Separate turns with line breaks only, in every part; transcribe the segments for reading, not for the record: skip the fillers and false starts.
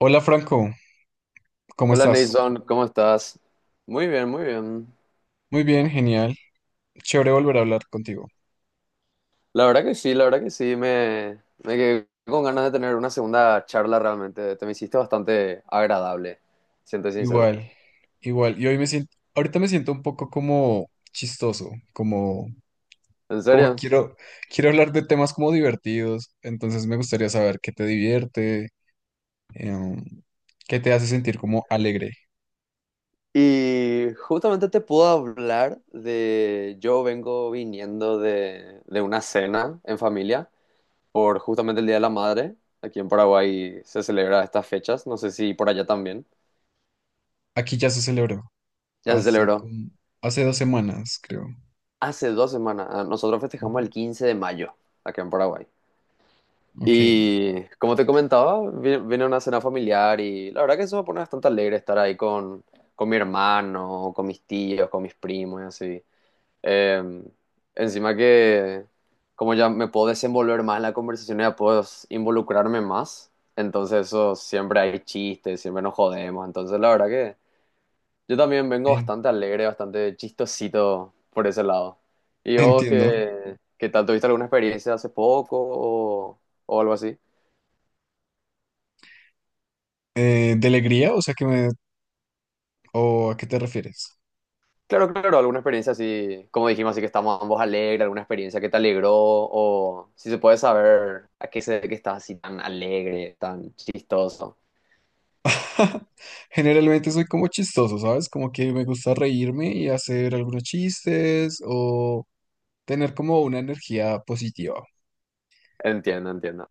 Hola Franco, ¿cómo
Hola
estás?
Nason, ¿cómo estás? Muy bien, muy bien.
Muy bien, genial. Chévere volver a hablar contigo.
La verdad que sí, la verdad que sí, me quedé con ganas de tener una segunda charla realmente. Te me hiciste bastante agradable, siento sincero.
Igual, igual. Y hoy me siento, ahorita me siento un poco como chistoso, como,
¿En
como
serio?
quiero, quiero hablar de temas como divertidos. Entonces me gustaría saber qué te divierte, em, qué te hace sentir como alegre.
Y justamente te puedo hablar de... Yo vengo viniendo de una cena en familia por justamente el Día de la Madre. Aquí en Paraguay se celebra estas fechas, no sé si por allá también.
Aquí ya se celebró,
Ya se
hace
celebró
como, hace dos semanas, creo.
hace 2 semanas. Ah, nosotros festejamos el
Ujú.
15 de mayo, acá en Paraguay.
Ok,
Y como te comentaba, viene una cena familiar y la verdad que eso me pone bastante alegre estar ahí con mi hermano, con mis tíos, con mis primos y así. Eh, Encima que como ya me puedo desenvolver más en la conversación, ya puedo involucrarme más. Entonces eso, siempre hay chistes, siempre nos jodemos. Entonces la verdad que yo también vengo
en-
bastante alegre, bastante chistosito por ese lado. ¿Y vos
entiendo.
qué, tal? ¿Tuviste alguna experiencia hace poco o algo así?
¿De alegría? O sea, que me... ¿O a qué te refieres?
Claro, claro, alguna experiencia así, como dijimos, así que estamos ambos alegres, alguna experiencia que te alegró, o si se puede saber a qué se debe que estás así tan alegre, tan chistoso.
Generalmente soy como chistoso, ¿sabes? Como que me gusta reírme y hacer algunos chistes o tener como una energía positiva.
Entiendo, entiendo.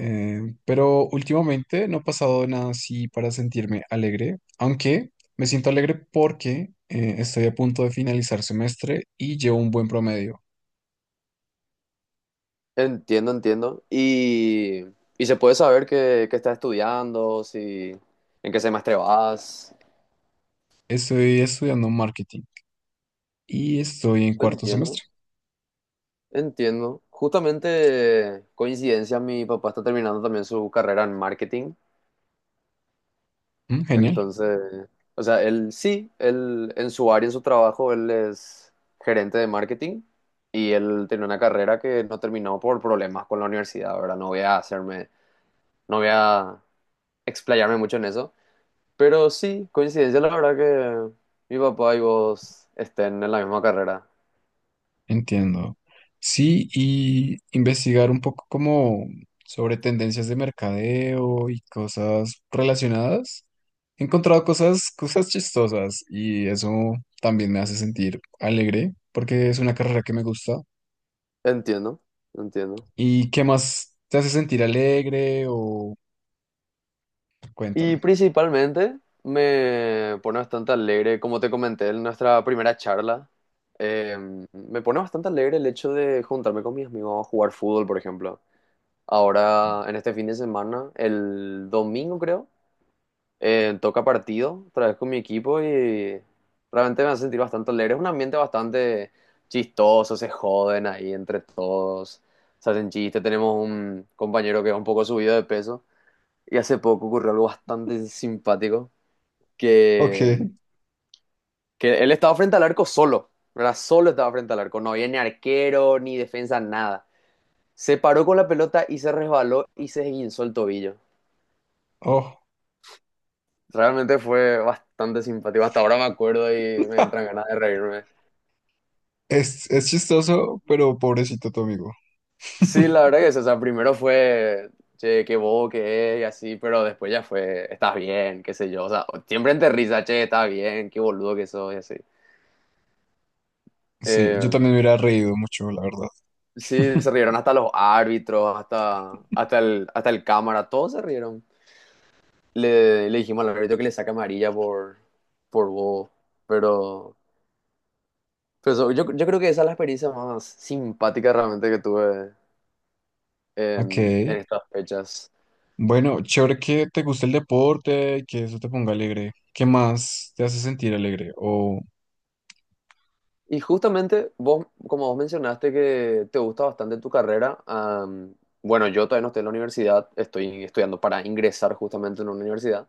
Pero últimamente no ha pasado nada así para sentirme alegre, aunque me siento alegre porque estoy a punto de finalizar semestre y llevo un buen promedio.
Entiendo, entiendo. Y se puede saber qué estás estudiando, si, en qué semestre vas.
Estoy estudiando marketing y estoy en cuarto
Entiendo,
semestre.
entiendo. Justamente, coincidencia, mi papá está terminando también su carrera en marketing.
Mm, genial.
Entonces, o sea, él sí, él en su área, en su trabajo, él es gerente de marketing y él tenía una carrera que no terminó por problemas con la universidad, ¿verdad? No voy a hacerme, no voy a explayarme mucho en eso, pero sí, coincidencia, la verdad que mi papá y vos estén en la misma carrera.
Entiendo. Sí, y investigar un poco como sobre tendencias de mercadeo y cosas relacionadas. He encontrado cosas chistosas y eso también me hace sentir alegre porque es una carrera que me gusta.
Entiendo, entiendo.
¿Y qué más te hace sentir alegre o
Y
cuéntame?
principalmente me pone bastante alegre, como te comenté en nuestra primera charla, eh, me pone bastante alegre el hecho de juntarme con mis amigos a jugar fútbol, por ejemplo. Ahora, en este fin de semana, el domingo creo, toca partido otra vez con mi equipo y realmente me hace sentir bastante alegre. Es un ambiente bastante chistoso, se joden ahí entre todos, se hacen chistes. Tenemos un compañero que es un poco subido de peso. Y hace poco ocurrió algo bastante simpático
Ok,
que, que él estaba frente al arco solo, ¿verdad? Solo estaba frente al arco, no había ni arquero, ni defensa, nada. Se paró con la pelota y se resbaló y se esguinzó el tobillo.
oh,
Realmente fue bastante simpático. Hasta ahora me acuerdo y me entran ganas de reírme.
es chistoso, pero pobrecito tu amigo.
Sí, la verdad que sí. O sea, primero fue, che, qué bobo que es y así, pero después ya fue, estás bien, qué sé yo. O sea, siempre entre risa, che, estás bien, qué boludo que sos y así.
Sí,
Eh,
yo también me hubiera reído mucho, la verdad.
Sí, se rieron hasta los árbitros, hasta el cámara, todos se rieron. le, dijimos al árbitro que le saca amarilla por bobo, pero, pero eso, yo creo que esa es la experiencia más simpática realmente que tuve
Ok.
en estas fechas.
Bueno, chévere que te guste el deporte, que eso te ponga alegre. ¿Qué más te hace sentir alegre? O
Y justamente vos, como vos mencionaste que te gusta bastante tu carrera, bueno, yo todavía no estoy en la universidad, estoy estudiando para ingresar justamente en una universidad.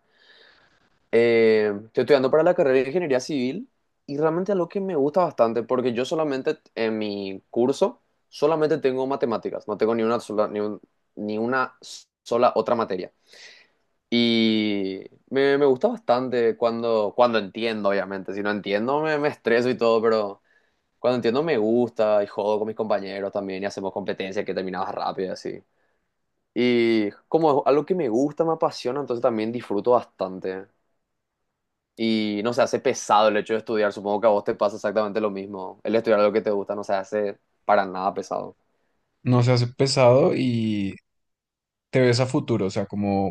Estoy estudiando para la carrera de Ingeniería Civil y realmente es algo que me gusta bastante porque yo solamente en mi curso solamente tengo matemáticas, no tengo ni una sola, ni una sola otra materia. Y me, gusta bastante cuando entiendo, obviamente. Si no entiendo me estreso y todo, pero cuando entiendo me gusta y jodo con mis compañeros también y hacemos competencias que terminamos rápido y así. Y como es algo que me gusta, me apasiona, entonces también disfruto bastante y no se hace pesado el hecho de estudiar. Supongo que a vos te pasa exactamente lo mismo. El estudiar algo que te gusta no se hace para nada pesado.
no se hace pesado y te ves a futuro, o sea, como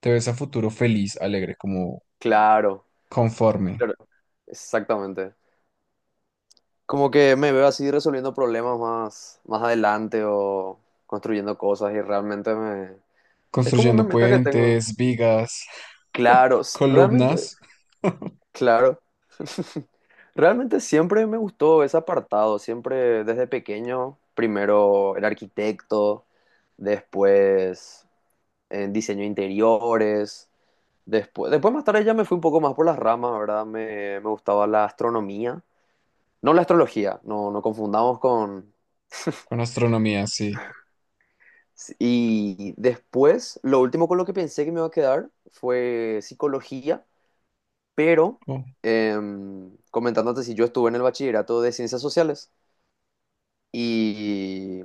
te ves a futuro feliz, alegre, como
Claro,
conforme,
claro, exactamente. Como que me veo así resolviendo problemas más adelante o construyendo cosas y realmente me... Es como una
construyendo
meta que tengo.
puentes, vigas,
Claro, realmente,
columnas,
claro. Realmente siempre me gustó ese apartado, siempre desde pequeño, primero el arquitecto, después en diseño de interiores. Después, después más tarde ya me fui un poco más por las ramas, ¿verdad? me gustaba la astronomía, no la astrología, no, no confundamos con...
con astronomía, sí.
sí, y después, lo último con lo que pensé que me iba a quedar fue psicología, pero
Oh,
comentándote si yo estuve en el bachillerato de ciencias sociales y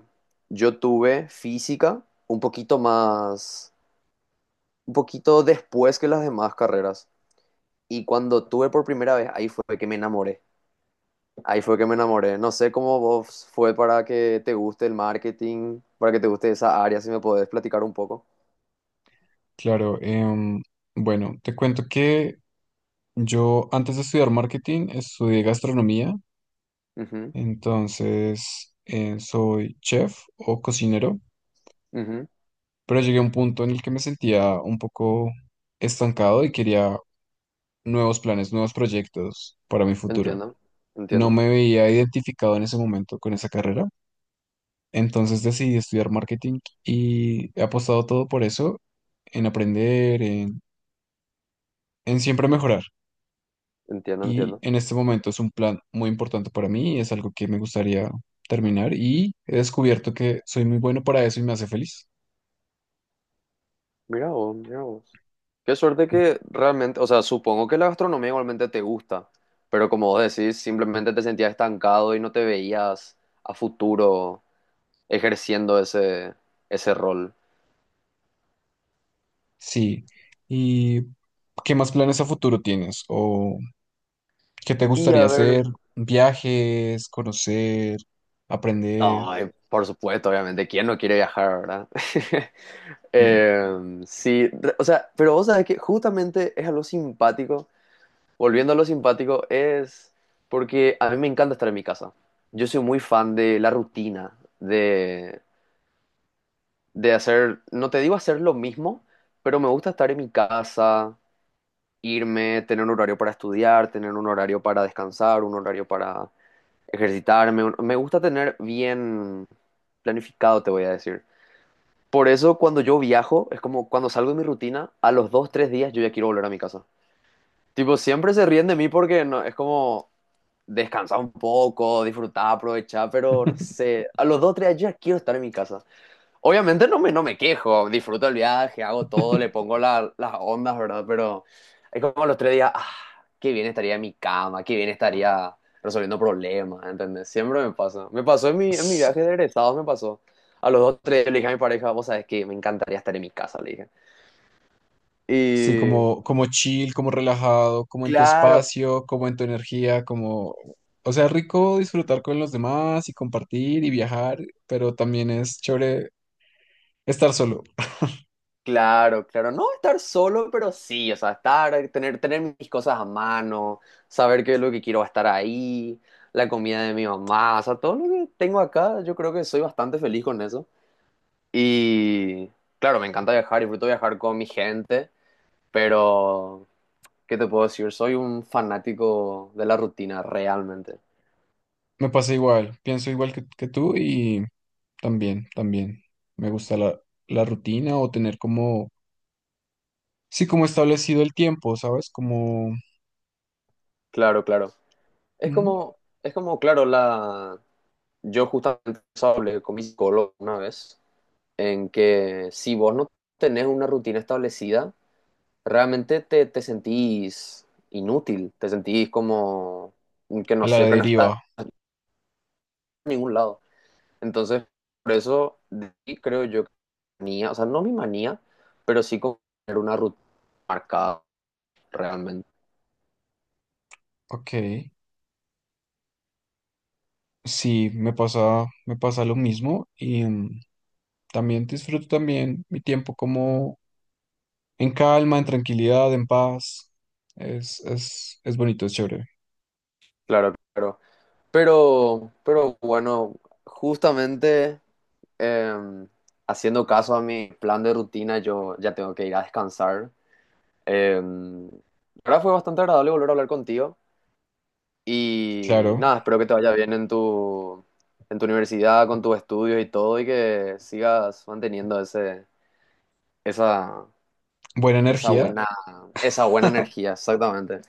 yo tuve física un poquito más, un poquito después que las demás carreras. Y cuando tuve por primera vez, ahí fue que me enamoré. Ahí fue que me enamoré. No sé cómo vos fue para que te guste el marketing, para que te guste esa área, si me podés platicar un poco.
claro, bueno, te cuento que yo antes de estudiar marketing estudié gastronomía.
Ujú,
Entonces, soy chef o cocinero,
ujú.
pero llegué a un punto en el que me sentía un poco estancado y quería nuevos planes, nuevos proyectos para mi futuro.
Entiendo,
No
entiendo,
me veía identificado en ese momento con esa carrera, entonces decidí estudiar marketing y he apostado todo por eso, en aprender, en siempre mejorar.
entiendo,
Y
entiendo.
en este momento es un plan muy importante para mí, es algo que me gustaría terminar y he descubierto que soy muy bueno para eso y me hace feliz.
Mira vos, mira vos. Qué suerte que realmente, o sea, supongo que la gastronomía igualmente te gusta, pero como vos decís, simplemente te sentías estancado y no te veías a futuro ejerciendo ese, ese rol.
Sí. ¿Y qué más planes a futuro tienes? ¿O qué te
Y
gustaría
a
hacer?
ver.
¿Viajes, conocer, aprender?
No, por supuesto, obviamente. ¿Quién no quiere viajar, verdad?
Mm.
Sí, o sea, pero vos sabés que justamente es algo simpático. Volviendo a lo simpático, es porque a mí me encanta estar en mi casa. Yo soy muy fan de la rutina, de hacer, no te digo hacer lo mismo, pero me gusta estar en mi casa, irme, tener un horario para estudiar, tener un horario para descansar, un horario para ejercitarme. Me gusta tener bien planificado, te voy a decir. Por eso cuando yo viajo, es como cuando salgo de mi rutina, a los dos, tres días yo ya quiero volver a mi casa. Tipo, siempre se ríen de mí porque no, es como descansar un poco, disfrutar, aprovechar, pero no sé, a los dos, tres días yo ya quiero estar en mi casa. Obviamente no me, quejo, disfruto el viaje, hago todo, le pongo las ondas, ¿verdad? Pero es como los tres días, ah, qué bien estaría en mi cama, qué bien estaría resolviendo problemas, ¿entendés? Siempre me pasa. Me pasó en mi
S-
viaje de egresados, me pasó. A los dos, tres, le dije a mi pareja, vos sabés que me encantaría estar en mi casa, le dije.
Sí,
Y
como, como chill, como relajado, como en tu
claro,
espacio, como en tu energía, como... O sea, rico disfrutar con los demás y compartir y viajar, pero también es chévere estar solo.
claro, claro, no estar solo, pero sí, o sea, estar, tener mis cosas a mano, saber qué es lo que quiero va a estar ahí, la comida de mi mamá, o sea, todo lo que tengo acá, yo creo que soy bastante feliz con eso. Y claro, me encanta viajar, disfruto viajar con mi gente, pero, ¿qué te puedo decir? Soy un fanático de la rutina, realmente.
Me pasa igual, pienso igual que tú y también, también. Me gusta la rutina o tener como sí, como establecido el tiempo, ¿sabes? Como
Claro, claro. Es
ujú,
como, es como, claro, la, yo justamente hablé con mi psicólogo una vez en que si vos no tenés una rutina establecida, realmente te sentís inútil, te sentís como que
a
no
la
sé, que no estás
deriva.
en ningún lado. Entonces, por eso de ahí creo yo que manía, o sea, no mi manía, pero sí como tener una rutina marcada realmente.
Ok. Sí, me pasa lo mismo y mm, también disfruto también mi tiempo como en calma, en tranquilidad, en paz. Es bonito, es chévere.
Claro, claro. Pero bueno, justamente eh, haciendo caso a mi plan de rutina, yo ya tengo que ir a descansar. La verdad fue bastante agradable volver a hablar contigo y
Claro.
nada, espero que te vaya bien en tu universidad, con tus estudios y todo y que sigas manteniendo ese, esa,
Buena
esa
energía.
buena, esa buena energía, exactamente.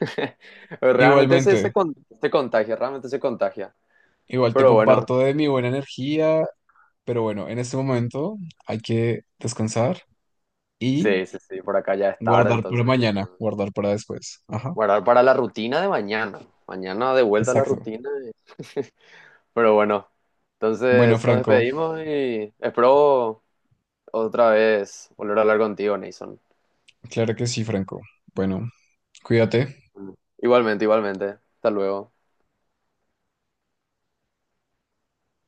Realmente se, se,
Igualmente,
con- se contagia, realmente se contagia.
igual te
Pero bueno,
comparto de mi buena energía, pero bueno, en este momento hay que descansar y
sí, sí, sí, por acá ya es tarde,
guardar para
entonces ya
mañana, guardar para después. Ajá,
guardar para la rutina de mañana. Mañana de vuelta a la
exacto.
rutina. Y- Pero bueno,
Bueno,
entonces nos
Franco,
despedimos y espero otra vez volver a hablar contigo, Nason.
claro que sí, Franco. Bueno, cuídate.
Igualmente, igualmente. Hasta luego.